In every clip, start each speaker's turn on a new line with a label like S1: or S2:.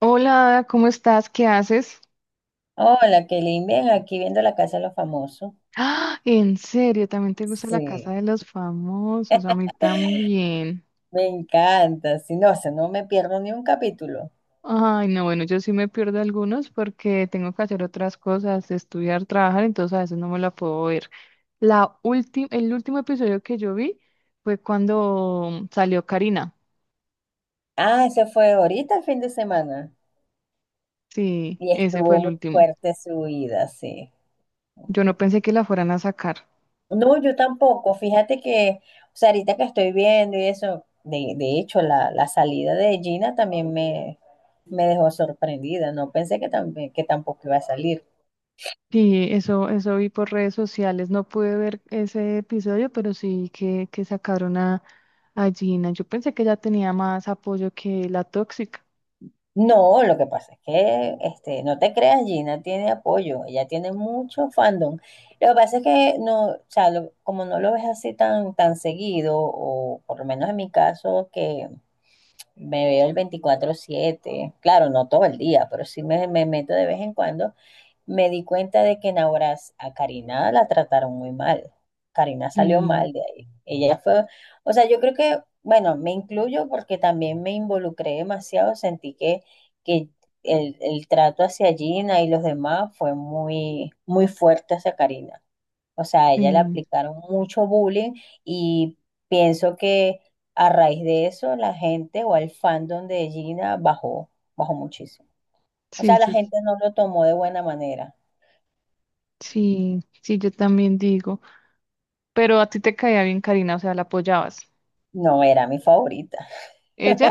S1: Hola, Ada, ¿cómo estás? ¿Qué haces?
S2: Hola, Kelly, bien, aquí viendo la casa de los famosos.
S1: ¡Ah! ¿En serio? ¿También te gusta la
S2: Sí,
S1: casa de los famosos? A mí también.
S2: me encanta. Si no, o sea, no me pierdo ni un capítulo.
S1: Ay, no, bueno, yo sí me pierdo algunos porque tengo que hacer otras cosas, estudiar, trabajar, entonces a veces no me la puedo ver. La última, el último episodio que yo vi fue cuando salió Karina.
S2: Ah, ese fue ahorita el fin de semana.
S1: Sí,
S2: Y
S1: ese fue
S2: estuvo
S1: el
S2: muy
S1: último.
S2: fuerte su vida, sí.
S1: Yo no pensé que la fueran a sacar.
S2: No, yo tampoco. Fíjate que, o sea, ahorita que estoy viendo y eso, de hecho, la salida de Gina también me dejó sorprendida. No pensé que, también, que tampoco iba a salir.
S1: Sí, eso vi por redes sociales. No pude ver ese episodio, pero sí que sacaron a Gina. Yo pensé que ella tenía más apoyo que la tóxica.
S2: No, lo que pasa es que este, no te creas, Gina tiene apoyo, ella tiene mucho fandom. Lo que pasa es que no, o sea, como no lo ves así tan, tan seguido, o por lo menos en mi caso, que me veo el veinticuatro siete, claro, no todo el día, pero sí me meto de vez en cuando, me di cuenta de que en Auras a Karina la trataron muy mal. Karina salió
S1: Sí,
S2: mal de ahí. Ella fue, o sea, yo creo que, bueno, me incluyo porque también me involucré demasiado, sentí que el trato hacia Gina y los demás fue muy, muy fuerte hacia Karina. O sea, a ella le
S1: sí,
S2: aplicaron mucho bullying y pienso que a raíz de eso la gente o el fandom de Gina bajó, bajó muchísimo. O
S1: sí,
S2: sea, la
S1: sí,
S2: gente no lo tomó de buena manera.
S1: sí, sí, yo también digo. Pero a ti te caía bien Karina, o sea, la apoyabas.
S2: No era mi favorita.
S1: ¿Ella?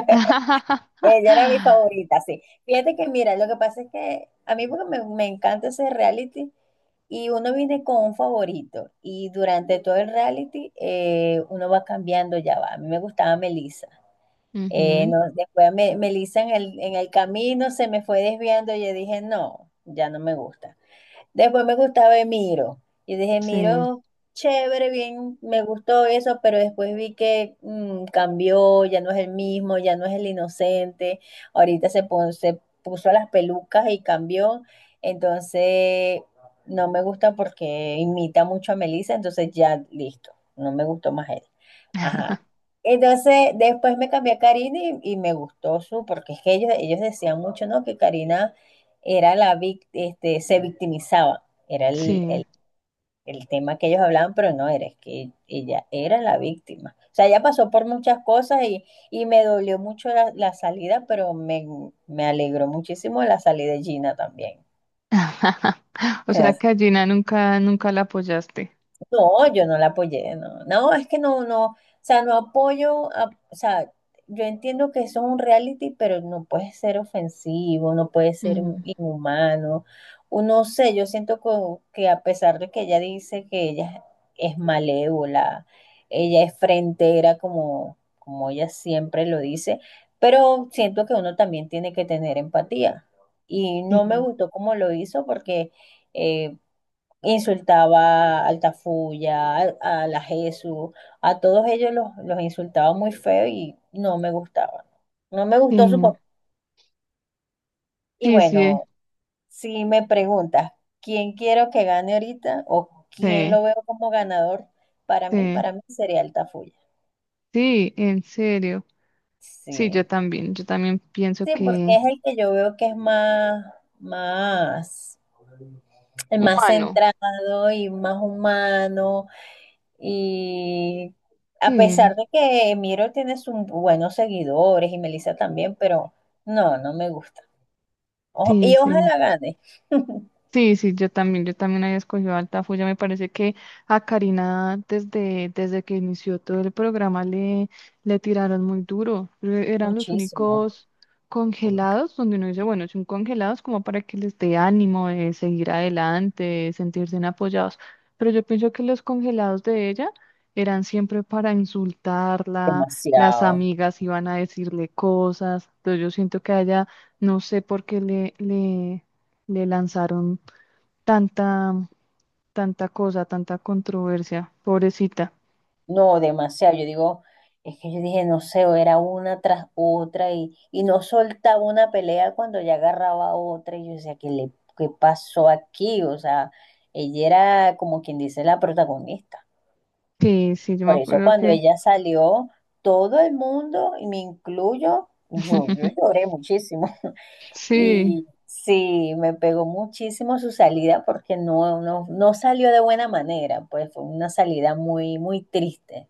S2: Ella era mi favorita, sí. Fíjate que, mira, lo que pasa es que a mí porque me encanta ese reality y uno viene con un favorito y durante todo el reality uno va cambiando, ya va. A mí me gustaba Melissa.
S1: Ujú,
S2: No, después me, Melissa en el camino se me fue desviando y yo dije, no, ya no me gusta. Después me gustaba Emiro. Y dije,
S1: sí,
S2: Miro, chévere, bien, me gustó eso, pero después vi que cambió, ya no es el mismo, ya no es el inocente. Ahorita se, se puso las pelucas y cambió. Entonces, no me gusta porque imita mucho a Melissa, entonces ya listo, no me gustó más él. Ajá. Entonces, después me cambié a Karina y me gustó su, porque es que ellos decían mucho, ¿no? Que Karina era este, se victimizaba, era el,
S1: sí.
S2: el- el- tema que ellos hablaban, pero no era, es que ella era la víctima. O sea, ella pasó por muchas cosas y me dolió mucho la salida, pero me alegró muchísimo la salida de Gina también.
S1: O sea que a Gina nunca, nunca la apoyaste.
S2: No, yo no la apoyé, no. No, es que no, no, o sea, no apoyo, o sea, yo entiendo que eso es un reality, pero no puede ser ofensivo, no puede ser
S1: Mm,
S2: inhumano. Uno sé, yo siento que, a pesar de que ella dice que ella es malévola, ella es frentera como, como ella siempre lo dice, pero siento que uno también tiene que tener empatía. Y no me
S1: sí,
S2: gustó cómo lo hizo porque eh, insultaba al Tafuya, a, la Jesús, a todos ellos los insultaba muy feo y no me gustaba. No me gustó su
S1: sí,
S2: papá. Y
S1: sí, sí,
S2: bueno, si me preguntas quién quiero que gane ahorita o quién
S1: sí,
S2: lo veo como ganador,
S1: sí.
S2: para mí sería el Tafuya.
S1: Sí, en serio. Sí, yo
S2: Sí.
S1: también. Yo también pienso
S2: Sí, porque
S1: que
S2: es el que yo veo que es más, más, el más
S1: humano.
S2: centrado y más humano. Y a
S1: Sí,
S2: pesar de que Miro tiene sus buenos seguidores y Melissa también, pero no, no me gusta.
S1: sí,
S2: Y
S1: sí.
S2: ojalá gane.
S1: Sí, sí, yo también había escogido a Altafulla. Me parece que a Karina desde, desde que inició todo el programa le tiraron muy duro. E- Eran los
S2: Muchísimo.
S1: únicos congelados donde uno dice, bueno, son congelados como para que les dé ánimo de seguir adelante, de sentirse apoyados. Pero yo pienso que los congelados de ella eran siempre para insultarla, las
S2: Demasiado.
S1: amigas iban a decirle cosas. Entonces yo siento que a ella, no sé por qué le lanzaron tanta, tanta cosa, tanta controversia, pobrecita.
S2: No, demasiado. Yo digo, es que yo dije, no sé, era una tras otra y no soltaba una pelea cuando ya agarraba otra. Y yo decía, ¿qué le, qué pasó aquí? O sea, ella era como quien dice la protagonista.
S1: Sí, sí, yo me
S2: Por eso
S1: acuerdo
S2: cuando
S1: que
S2: ella salió, todo el mundo, y me incluyo, yo lloré muchísimo.
S1: sí,
S2: Y sí, me pegó muchísimo su salida porque no, no, no salió de buena manera, pues fue una salida muy, muy triste.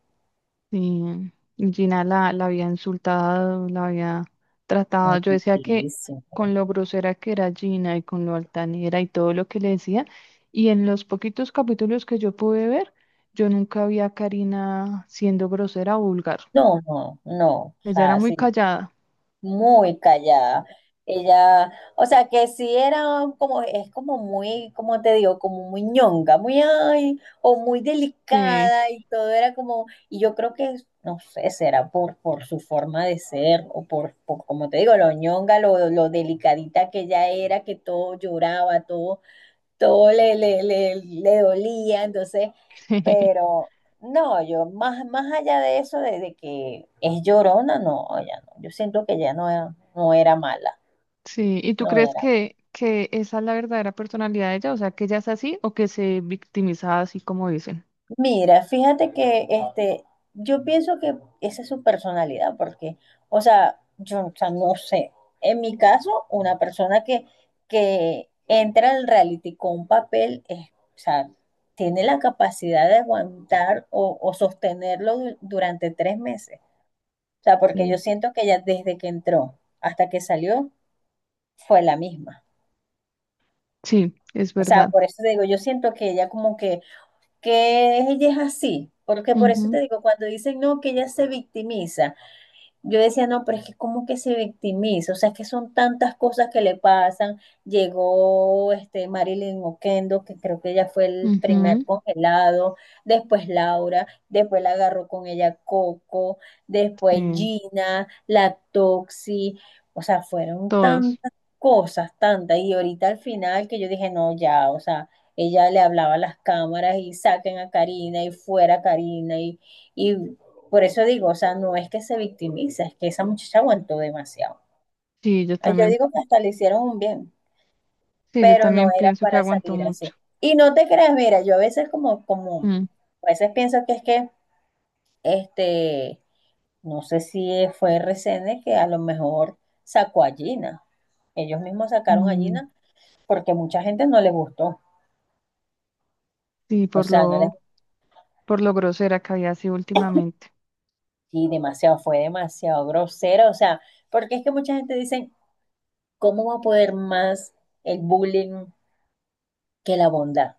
S1: sí, Gina la, la había insultado, la había tratado. Yo decía que con
S2: Muchísimo.
S1: lo grosera que era Gina y con lo altanera y todo lo que le decía, y en los poquitos capítulos que yo pude ver, yo nunca vi a Karina siendo grosera o vulgar.
S2: No, no, no. O
S1: Ella era
S2: sea,
S1: muy
S2: sí,
S1: callada.
S2: muy callada. Ella, o sea, que sí era como, es como muy, como te digo, como muy ñonga, muy ay, o muy
S1: Sí,
S2: delicada y todo era como, y yo creo que, no sé, será por su forma de ser o por, como te digo, lo ñonga, lo delicadita que ella era, que todo lloraba, todo todo le, le, le, le dolía, entonces,
S1: sí.
S2: pero no, yo más, más allá de eso, de que es llorona, no, ya no, yo siento que ya no, no era mala,
S1: Sí, ¿y tú
S2: no
S1: crees
S2: era.
S1: que esa es la verdadera personalidad de ella? O sea, que ella es así o que se victimiza así como dicen.
S2: Mira, fíjate que este, yo pienso que esa es su personalidad, porque, o sea, yo, o sea, no sé. En mi caso, una persona que entra al reality con un papel, es, o sea, tiene la capacidad de aguantar o sostenerlo durante 3 meses. O sea, porque yo
S1: Sí,
S2: siento que ella desde que entró hasta que salió fue la misma.
S1: sí, es
S2: O sea,
S1: verdad.
S2: por eso te digo, yo siento que ella como que ella es así, porque por eso te digo, cuando dicen no, que ella se victimiza, yo decía, no, pero es que como que se victimiza, o sea, es que son tantas cosas que le pasan. Llegó este Marilyn Oquendo, que creo que ella fue el
S1: Ujú,
S2: primer
S1: ujú.
S2: congelado, después Laura, después la agarró con ella Coco, después
S1: Sí,
S2: Gina, la Toxi, o sea, fueron
S1: todos.
S2: tantas cosas, tantas. Y ahorita al final que yo dije, no, ya, o sea, ella le hablaba a las cámaras y saquen a Karina y fuera Karina y por eso digo, o sea, no es que se victimiza, es que esa muchacha aguantó demasiado.
S1: Sí, yo
S2: Ah, yo
S1: también,
S2: digo que hasta le hicieron un bien,
S1: sí, yo
S2: pero no
S1: también
S2: era
S1: pienso que
S2: para
S1: aguantó
S2: salir
S1: mucho.
S2: así. Y no te creas, mira, yo a veces como, como,
S1: Mm,
S2: a veces pienso que es que, este, no sé si fue RCN que a lo mejor sacó a Gina. Ellos mismos sacaron a
S1: mm,
S2: Gina porque mucha gente no les gustó.
S1: sí,
S2: O sea, no les
S1: por lo grosera que había sido últimamente.
S2: y demasiado, fue demasiado grosero. O sea, porque es que mucha gente dice, ¿cómo va a poder más el bullying que la bondad,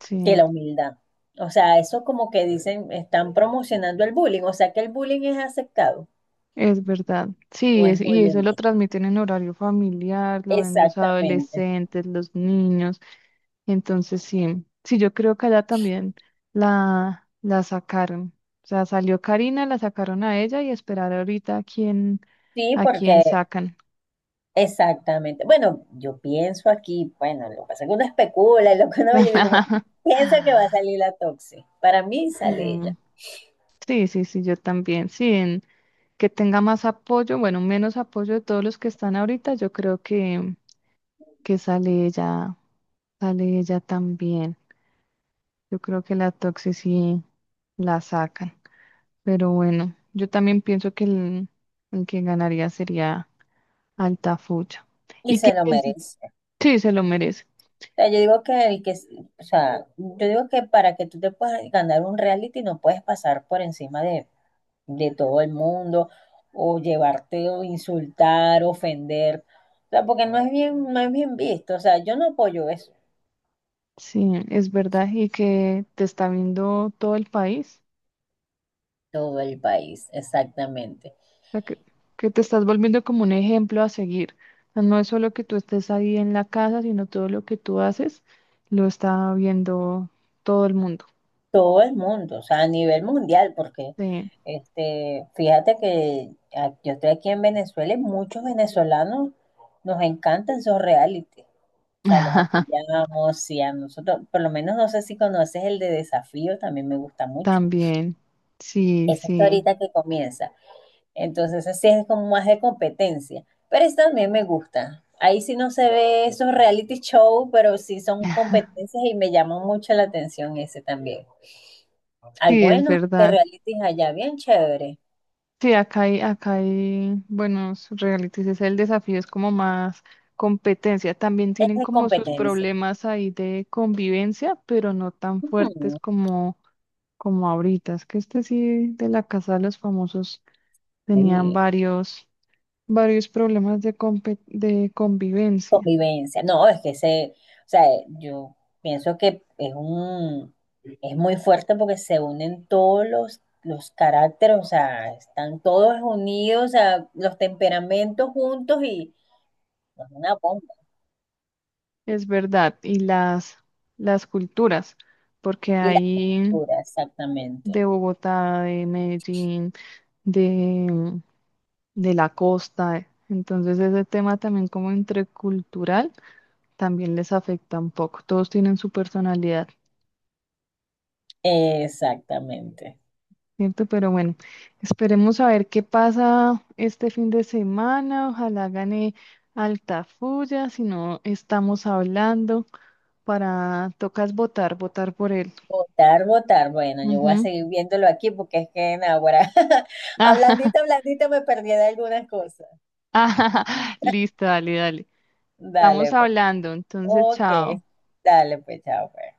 S1: Sí.
S2: que la humildad? O sea, eso como que dicen, están promocionando el bullying, o sea que el bullying es aceptado,
S1: Es verdad, sí,
S2: no
S1: es,
S2: es muy
S1: y eso
S2: bien
S1: lo
S2: visto.
S1: transmiten en horario familiar, lo ven los
S2: Exactamente.
S1: adolescentes, los niños, entonces sí, sí, yo creo que allá también la sacaron, o sea, salió Karina, la sacaron a ella y esperar ahorita
S2: Sí,
S1: a quién
S2: porque
S1: sacan.
S2: exactamente. Bueno, yo pienso aquí, bueno, lo que pasa es que uno especula, y lo que uno ve, yo digo, bueno, piensa que va a salir la Toxi. Para mí sale ella
S1: Mm, sí, sí, sí, yo también, sí, en- que tenga más apoyo, bueno, menos apoyo de todos los que están ahorita, yo creo que sale ella también. Yo creo que la Toxi sí la sacan. Pero bueno, yo también pienso que el que ganaría sería Altafulla.
S2: y
S1: ¿Y qué
S2: se lo
S1: piensas?
S2: merece.
S1: Sí, se lo merece.
S2: O sea, yo digo que el que, o sea, yo digo que para que tú te puedas ganar un reality no puedes pasar por encima de todo el mundo, o llevarte o insultar, ofender, o sea, porque no es bien, no es bien visto, o sea, yo no apoyo eso.
S1: Sí, es verdad. Y que te está viendo todo el país.
S2: Todo el país, exactamente.
S1: O sea, que te estás volviendo como un ejemplo a seguir. O sea, no es solo que tú estés ahí en la casa, sino todo lo que tú haces lo está viendo todo el mundo.
S2: Todo el mundo, o sea, a nivel mundial, porque
S1: Sí.
S2: este, fíjate que yo estoy aquí en Venezuela y muchos venezolanos nos encantan esos reality. O sea, los apoyamos y a nosotros, por lo menos no sé si conoces el de Desafío, también me gusta mucho.
S1: También. Sí,
S2: Ese está
S1: sí.
S2: ahorita que comienza. Entonces, así es como más de competencia. Pero eso también me gusta. Ahí sí no se ve esos reality show, pero sí son competencias y me llama mucho la atención ese también. Hay
S1: Sí, es
S2: buenos de
S1: verdad.
S2: realities allá, bien chévere.
S1: Sí, acá hay buenos realities. Es el desafío, es como más competencia. También
S2: Es
S1: tienen
S2: de
S1: como sus
S2: competencia.
S1: problemas ahí de convivencia, pero no tan fuertes
S2: Ujú,
S1: como, como ahorita. Es que este sí de la Casa de los Famosos tenían
S2: sí,
S1: varios, varios problemas de, compe- de convivencia.
S2: convivencia. No, es que se, o sea, yo pienso que es un, es muy fuerte porque se unen todos los caracteres, o sea, están todos unidos, o sea, los temperamentos juntos y es una bomba.
S1: Es verdad. Y las culturas, porque
S2: Y la
S1: hay
S2: cultura, exactamente.
S1: de Bogotá, de Medellín, de la costa. Eh. Entonces ese tema también como intercultural también les afecta un poco. Todos tienen su personalidad,
S2: Exactamente.
S1: ¿cierto? Pero bueno, esperemos a ver qué pasa este fin de semana. Ojalá gane Altafulla, si no estamos hablando para, tocas votar, votar por él.
S2: Votar, votar. Bueno, yo voy a
S1: Ujú.
S2: seguir viéndolo aquí porque es que en ahora, hablandita, hablandita, me perdí de algunas cosas.
S1: Listo, dale, dale. Estamos
S2: Dale, pues.
S1: hablando, entonces,
S2: Ok,
S1: chao.
S2: dale, pues, chao, pues.